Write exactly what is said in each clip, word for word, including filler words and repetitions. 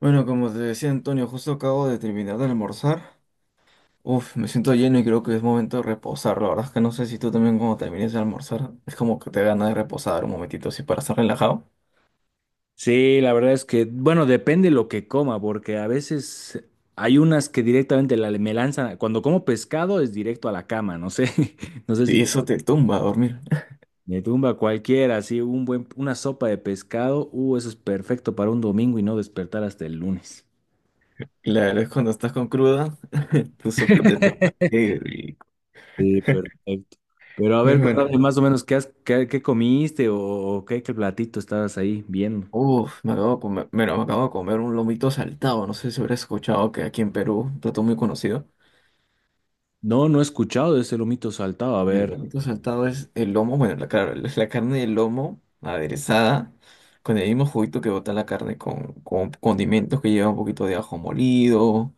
Bueno, como te decía Antonio, justo acabo de terminar de almorzar. Uf, me siento lleno y creo que es momento de reposar. La verdad es que no sé si tú también cuando termines de almorzar es como que te da ganas de reposar un momentito así para estar relajado. Sí, la verdad es que, bueno, depende lo que coma, porque a veces hay unas que directamente la- me lanzan, cuando como pescado es directo a la cama, no sé, no sé si Y te- eso te tumba a dormir. me tumba cualquiera, así un buen, una sopa de pescado, uh, eso es perfecto para un domingo y no despertar hasta el lunes. Claro, es cuando estás con cruda, tu sopita de pescado. Qué rico. Sí, perfecto. Pero a Es ver, contame bueno. más o menos qué, has- qué, qué comiste o, o qué, qué platito estabas ahí viendo. Uf, me acabo de comer, bueno, me acabo de comer un lomito saltado. No sé si habrás escuchado que aquí en Perú, un plato muy conocido. No, no he escuchado de ese lomito saltado, a El ver. lomito saltado es el lomo, bueno, la, claro, la la carne del lomo aderezada, con el mismo juguito que bota la carne, con, con condimentos que lleva un poquito de ajo molido,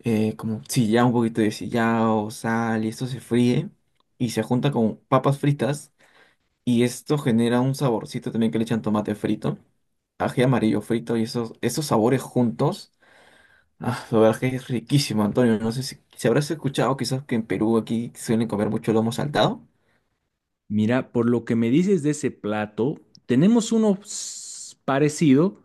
eh, como sillao, un poquito de sillao, sal, y esto se fríe y se junta con papas fritas, y esto genera un saborcito también que le echan tomate frito, ají amarillo frito, y esos, esos sabores juntos. Ah, la verdad que es riquísimo, Antonio. No sé si, si habrás escuchado quizás que en Perú aquí suelen comer mucho lomo saltado. Mira, por lo que me dices de ese plato, tenemos uno s- parecido,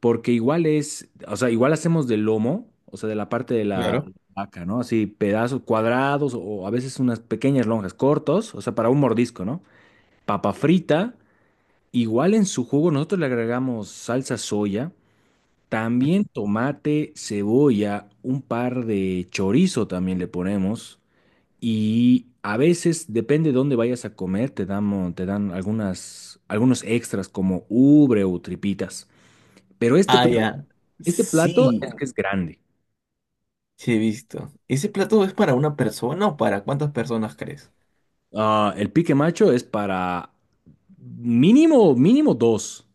porque igual es, o sea, igual hacemos de lomo, o sea, de la parte de la Claro. vaca, ¿no? Así pedazos cuadrados o a veces unas pequeñas lonjas cortos, o sea, para un mordisco, ¿no? Papa frita, igual en su jugo nosotros le agregamos salsa soya, también tomate, cebolla, un par de chorizo también le ponemos. Y a veces, depende de dónde vayas a comer, te damos, te dan algunas, algunos extras como ubre o tripitas. Pero este, Ah, pl- ya. este plato es Sí, que es grande. sí he visto. ¿Ese plato es para una persona o para cuántas personas crees? Ah, el pique macho es para mínimo, mínimo dos.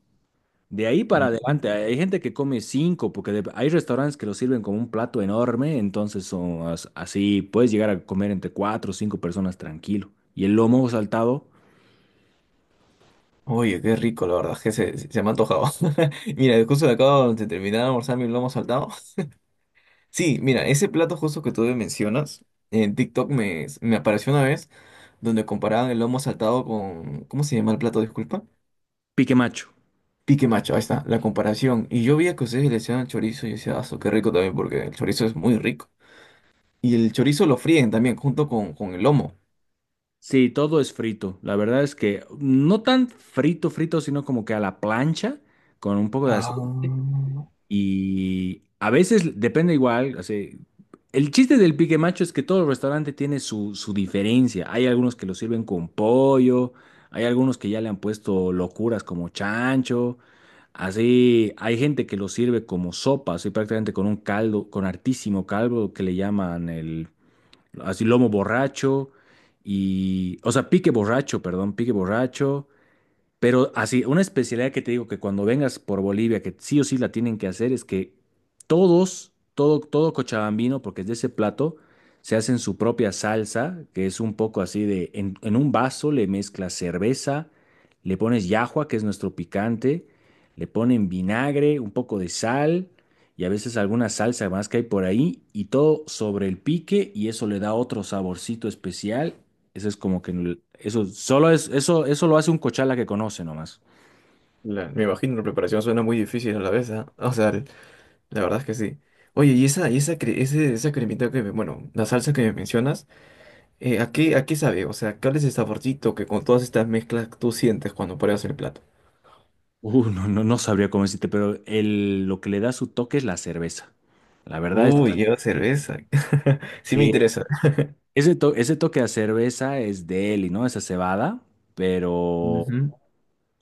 De ahí para Mm. adelante, hay gente que come cinco, porque de- hay restaurantes que lo sirven como un plato enorme, entonces son as- así, puedes llegar a comer entre cuatro o cinco personas tranquilo. Y el lomo saltado, Oye, qué rico, la verdad, que se, se- me ha antojado. Mira, justo de acá de terminar de almorzar mi lomo saltado. Sí, mira, ese plato justo que tú me mencionas, en TikTok me, me apareció una vez donde comparaban el lomo saltado con... ¿Cómo se llama el plato? Disculpa. pique macho. Pique macho, ahí está, la comparación. Y yo vi que ustedes le echaban chorizo y yo decía, ah, su, qué rico también, porque el chorizo es muy rico. Y el chorizo lo fríen también junto con, con el lomo. Sí, todo es frito. La verdad es que no tan frito, frito, sino como que a la plancha con un poco de Ah, aceite. Y a veces depende igual, así, el chiste del pique macho es que todo restaurante tiene su, su diferencia. Hay algunos que lo sirven con pollo, hay algunos que ya le han puesto locuras como chancho. Así, hay gente que lo sirve como sopa, así prácticamente con un caldo, con hartísimo caldo que le llaman el así lomo borracho y, o sea, pique borracho, perdón, pique borracho, pero así, una especialidad que te digo que cuando vengas por Bolivia, que sí o sí la tienen que hacer, es que todos, todo, todo cochabambino, porque es de ese plato, se hacen su propia salsa, que es un poco así de, en, en un vaso le mezclas cerveza, le pones llajua, que es nuestro picante, le ponen vinagre, un poco de sal y a veces alguna salsa más que hay por ahí, y todo sobre el pique, y eso le da otro saborcito especial. Eso es como que eso solo es eso eso lo hace un cochala que conoce nomás. la- me imagino la preparación suena muy difícil a la vez, ¿ah? O sea, el- la verdad es que sí. Oye, y esa, y esa, cre- ese- esa cremita que, me- bueno, la salsa que me mencionas, eh, ¿a qué, a qué sabe? O sea, ¿cuál es el saborcito que con todas estas mezclas tú sientes cuando pruebas el plato? Uh, no, no, no sabría cómo decirte, pero el, lo que le da su toque es la cerveza. La verdad es Uy, lleva cerveza. Sí me que interesa. ese, to- ese toque a cerveza es de él y no esa cebada, pero Ujú.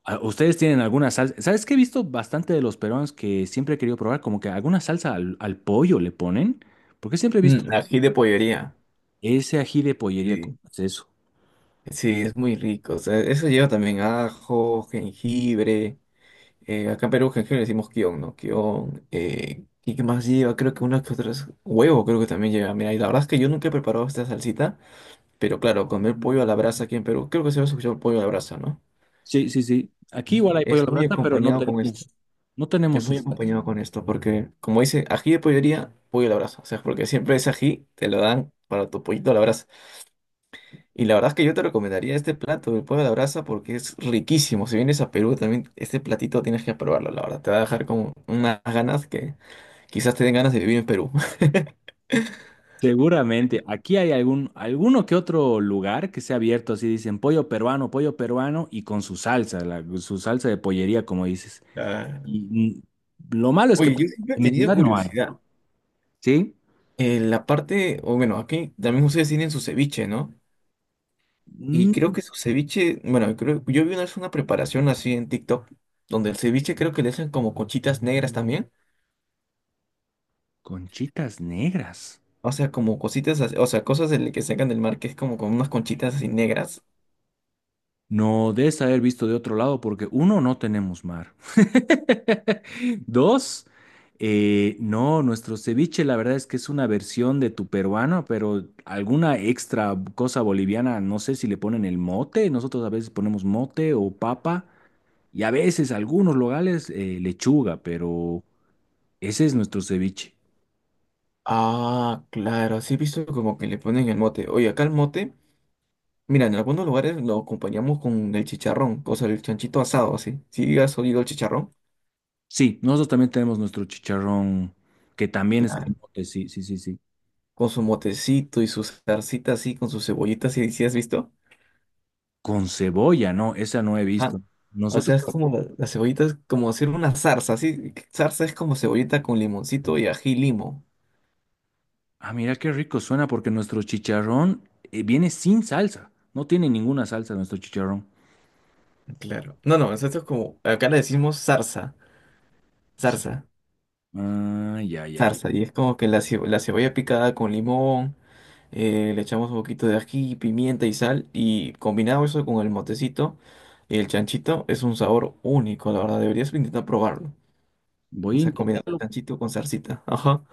ah, ustedes tienen alguna salsa. ¿Sabes qué he visto bastante de los peruanos que siempre he querido probar? Como que alguna salsa al, al pollo le ponen, porque siempre he visto Mm, ají de pollería. ese ají de pollería. ¿Cómo Sí. es eso? Sí, es muy rico. O sea, eso lleva también ajo, jengibre. Eh, acá en Perú, que le decimos kion, ¿no? Kion. Eh, ¿y qué más lleva? Creo que unas que otras. Huevo, creo que también lleva. Mira, y la verdad es que yo nunca he preparado esta salsita, pero claro, comer pollo a la brasa aquí en Perú, creo que se va a escuchar pollo a la brasa, ¿no? Sí, sí, sí. Aquí igual Ujú. hay pollo a Es la muy brasa, pero no acompañado con esto. tenemos, no tenemos Es su muy salsa. acompañado con esto, porque como dice, ají de pollería, pollo a la brasa. O sea, porque siempre ese ají te lo dan para tu pollito a la brasa. Y la verdad es que yo te recomendaría este plato del pollo a la brasa porque es riquísimo. Si vienes a Perú también, este platito tienes que probarlo, la verdad. Te va a dejar con unas ganas que... Quizás te den ganas de vivir en Perú. Seguramente, aquí hay algún, alguno que otro lugar que sea abierto, así dicen pollo peruano, pollo peruano y con su salsa, la- su salsa de pollería, como dices. Ah, Y mm, lo malo es que oye, pues, yo siempre he en mi tenido ciudad no hay, curiosidad. ¿sí? Eh, la parte, o bueno, aquí también ustedes tienen su ceviche, ¿no? Y Mm, creo que su ceviche, bueno, creo, yo vi una vez una preparación así en TikTok, donde el ceviche creo que le hacen como conchitas negras también. conchitas negras. O sea, como cositas, así- o sea, cosas del que sacan del mar que es como con unas conchitas así negras. No des haber visto de otro lado porque uno, no tenemos mar. Dos, eh, no, nuestro ceviche la verdad es que es una versión de tu peruano, pero alguna extra cosa boliviana, no sé si le ponen el mote, nosotros a veces ponemos mote o papa y a veces algunos locales eh, lechuga, pero ese es nuestro ceviche. Ah, claro, así he visto como que le ponen el mote. Oye, acá el mote, mira, en algunos lugares lo acompañamos con el chicharrón, o sea, el chanchito asado, así. ¿Sí has oído el chicharrón? Sí, nosotros también tenemos nuestro chicharrón que también es con Claro. mote, sí, sí, sí, sí. Con su motecito y su salsita así, con sus cebollitas, ¿y si has visto? Con cebolla, no, esa no he Ajá. visto. O Nosotros... sea, es como la- las cebollitas, como hacer una zarza, así. Zarza es como cebollita con limoncito y ají y limo. Ah, mira qué rico suena porque nuestro chicharrón eh, viene sin salsa. No tiene ninguna salsa nuestro chicharrón. Claro. No, no, esto es como, acá le decimos zarza, Sí. zarza. Ay, ay, ay. Zarza, y es como que la, cebo- la cebolla picada con limón, eh, le echamos un poquito de ají, pimienta y sal, y combinado eso con el motecito y el chanchito, es un sabor único, la verdad, deberías intentar probarlo. O Voy a sea, comida de intentarlo. chanchito con zarcita. Ajá.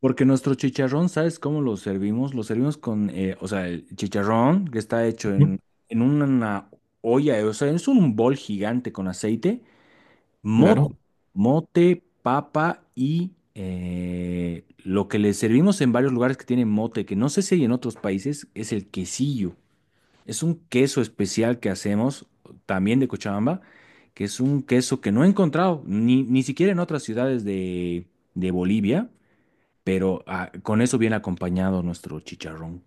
Porque nuestro chicharrón, ¿sabes cómo lo servimos? Lo servimos con, eh, o sea, el chicharrón que está hecho Mm, en, en una olla, eh, o sea, es un bol gigante con aceite, mote, claro. mote, papa y eh, lo que le servimos en varios lugares que tienen mote, que no sé si hay en otros países, es el quesillo. Es un queso especial que hacemos también de Cochabamba, que es un queso que no he encontrado ni, ni siquiera en otras ciudades de, de Bolivia, pero ah, con eso viene acompañado nuestro chicharrón.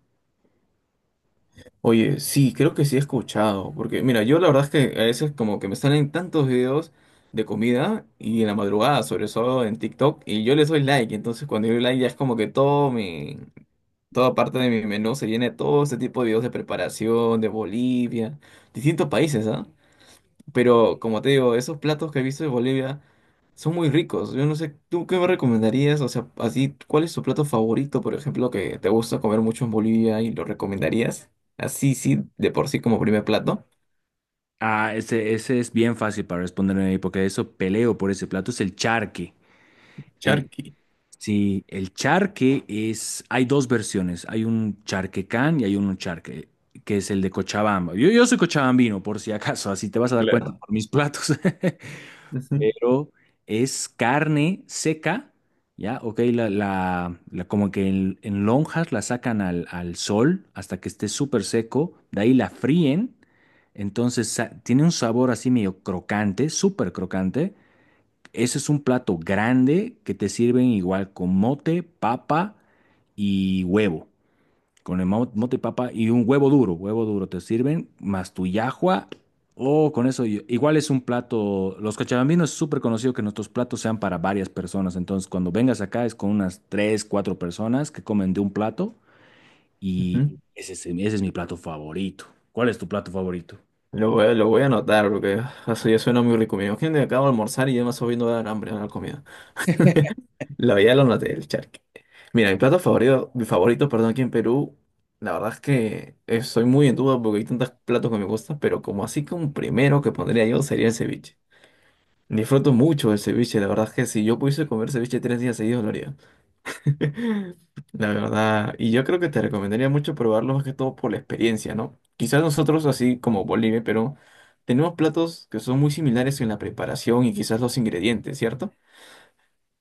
Oye, sí, creo que sí he escuchado, porque mira, yo la verdad es que a veces como que me salen tantos videos de comida y en la madrugada, sobre todo en TikTok, y yo les doy like, entonces cuando yo doy like ya es como que todo mi, toda parte de mi menú se llena de todo este tipo de videos de preparación, de Bolivia, distintos países, ¿ah? Pero como te digo, esos platos que he visto de Bolivia son muy ricos. Yo no sé, ¿tú qué me recomendarías? O sea, así, ¿cuál es tu plato favorito, por ejemplo, que te gusta comer mucho en Bolivia y lo recomendarías? Así, sí, de por sí como primer plato. Ah, ese, ese es bien fácil para responderme porque eso peleo por ese plato, es el charque. El, Charqui, sí, el charque es, hay dos versiones, hay un charquecán y hay un charque, que es el de Cochabamba. Yo, yo soy cochabambino, por si acaso, así te vas a dar claro. cuenta por mis platos. Ujú, Pero es carne seca, ¿ya? Ok, la, la- la- como que en, en lonjas la sacan al, al sol hasta que esté súper seco, de ahí la fríen, entonces sa- tiene un sabor así medio crocante, súper crocante. Ese es un plato grande que te sirven igual con mote, papa y huevo. Con el mo- mote, papa y un huevo duro, huevo duro te sirven, más tu yahua. Oh, con eso, yo- igual es un plato. Los cochabambinos es súper conocido que nuestros platos sean para varias personas. Entonces, cuando vengas acá es con unas tres, cuatro personas que comen de un plato y ujú. ese es, ese es mi plato favorito. ¿Cuál es tu plato favorito? Lo voy a, lo voy a anotar porque eso ya suena muy rico. Me imagino que acabo de almorzar y ya me está viendo dar hambre a la comida. La ya lo noté, el charque. Mira, mi plato favorito, mi favorito, perdón, aquí en Perú, la verdad es que estoy muy en duda porque hay tantos platos que me gustan, pero como así que un primero que pondría yo sería el ceviche. Disfruto mucho el ceviche, la verdad es que si yo pudiese comer ceviche tres días seguidos lo haría. La verdad, y yo creo que te recomendaría mucho probarlo más que todo por la experiencia, ¿no? Quizás nosotros, así como Bolivia, pero tenemos platos que son muy similares en la preparación y quizás los ingredientes, ¿cierto?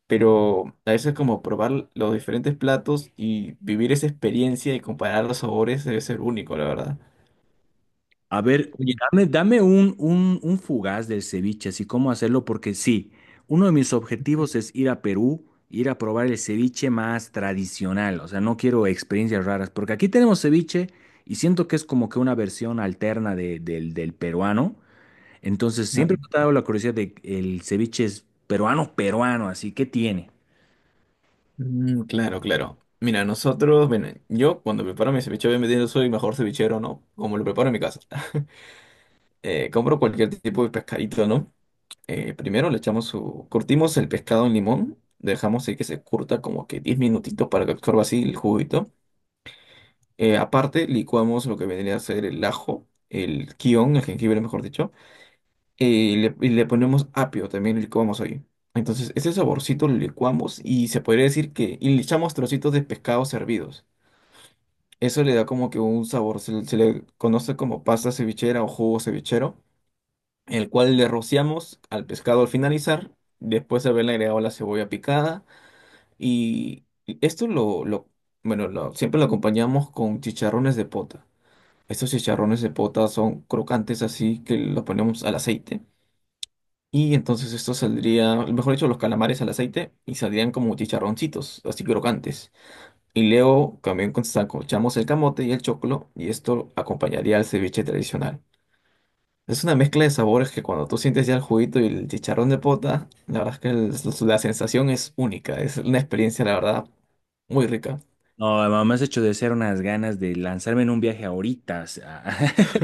Pero a veces como probar los diferentes platos y vivir esa experiencia y comparar los sabores debe ser único, la verdad. A ver, Oye, dame, dame un, un, un fugaz del ceviche, así cómo hacerlo, porque sí, uno de mis objetivos es ir a Perú, ir a probar el ceviche más tradicional, o sea, no quiero experiencias raras, porque aquí tenemos ceviche y siento que es como que una versión alterna de- del, del peruano, entonces siempre me ah, ha dado la curiosidad de el ceviche es peruano, peruano, así, ¿qué tiene? mm, claro, claro. Mira, nosotros, bueno, yo cuando preparo mi ceviche, obviamente no soy mejor cevichero, ¿no? Como lo preparo en mi casa. Eh, compro cualquier tipo de pescadito, ¿no? Eh, primero le echamos su... Curtimos el pescado en limón, dejamos ahí que se curta como que diez minutitos para que absorba así el juguito. Eh, aparte, licuamos lo que vendría a ser el ajo, el kion, el jengibre, mejor dicho. eh, y le, y le ponemos apio también, licuamos ahí. Entonces, ese saborcito lo licuamos y se podría decir que, y le echamos trocitos de pescado servidos. Eso le da como que un sabor, se, le se le conoce como pasta cevichera o jugo cevichero, el cual le rociamos al pescado al finalizar, después de haberle agregado la cebolla picada. Y esto lo, lo bueno, lo- siempre lo acompañamos con chicharrones de pota. Estos chicharrones de pota son crocantes así que los ponemos al aceite. Y entonces esto saldría, mejor dicho, los calamares al aceite y saldrían como chicharroncitos, así crocantes. Y luego también con saco echamos el camote y el choclo y esto acompañaría al ceviche tradicional. Es una mezcla de sabores que cuando tú sientes ya el juguito y el chicharrón de pota, la verdad es que el- la sensación es única, es una experiencia, la verdad, muy rica. No, mamá, me has hecho de ser unas ganas de lanzarme en un viaje ahorita, o sea,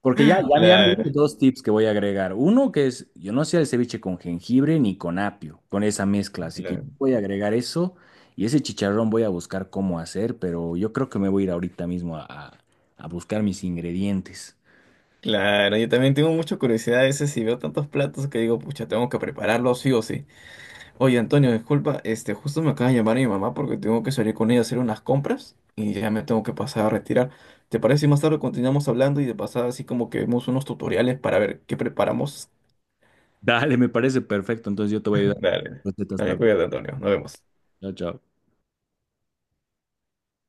Porque ya, ya, me- ya me diste Claro, dos tips que voy a agregar. Uno que es, yo no hacía el ceviche con jengibre ni con apio, con esa mezcla. Así que claro, voy a agregar eso y ese chicharrón voy a buscar cómo hacer, pero yo creo que me voy a ir ahorita mismo a, a- a buscar mis ingredientes. claro. Yo también tengo mucha curiosidad a veces si veo tantos platos que digo, pucha, tengo que prepararlos sí o sí. Oye, Antonio, disculpa, este, justo me acaba de llamar mi mamá porque tengo que salir con ella a hacer unas compras y ya me tengo que pasar a retirar. ¿Te parece si más tarde continuamos hablando y de pasada así como que vemos unos tutoriales para ver qué preparamos? Dale, me parece perfecto. Entonces yo te voy a ayudar con Dale, las recetas dale, también. cuídate, Antonio, nos vemos. Chao, chao.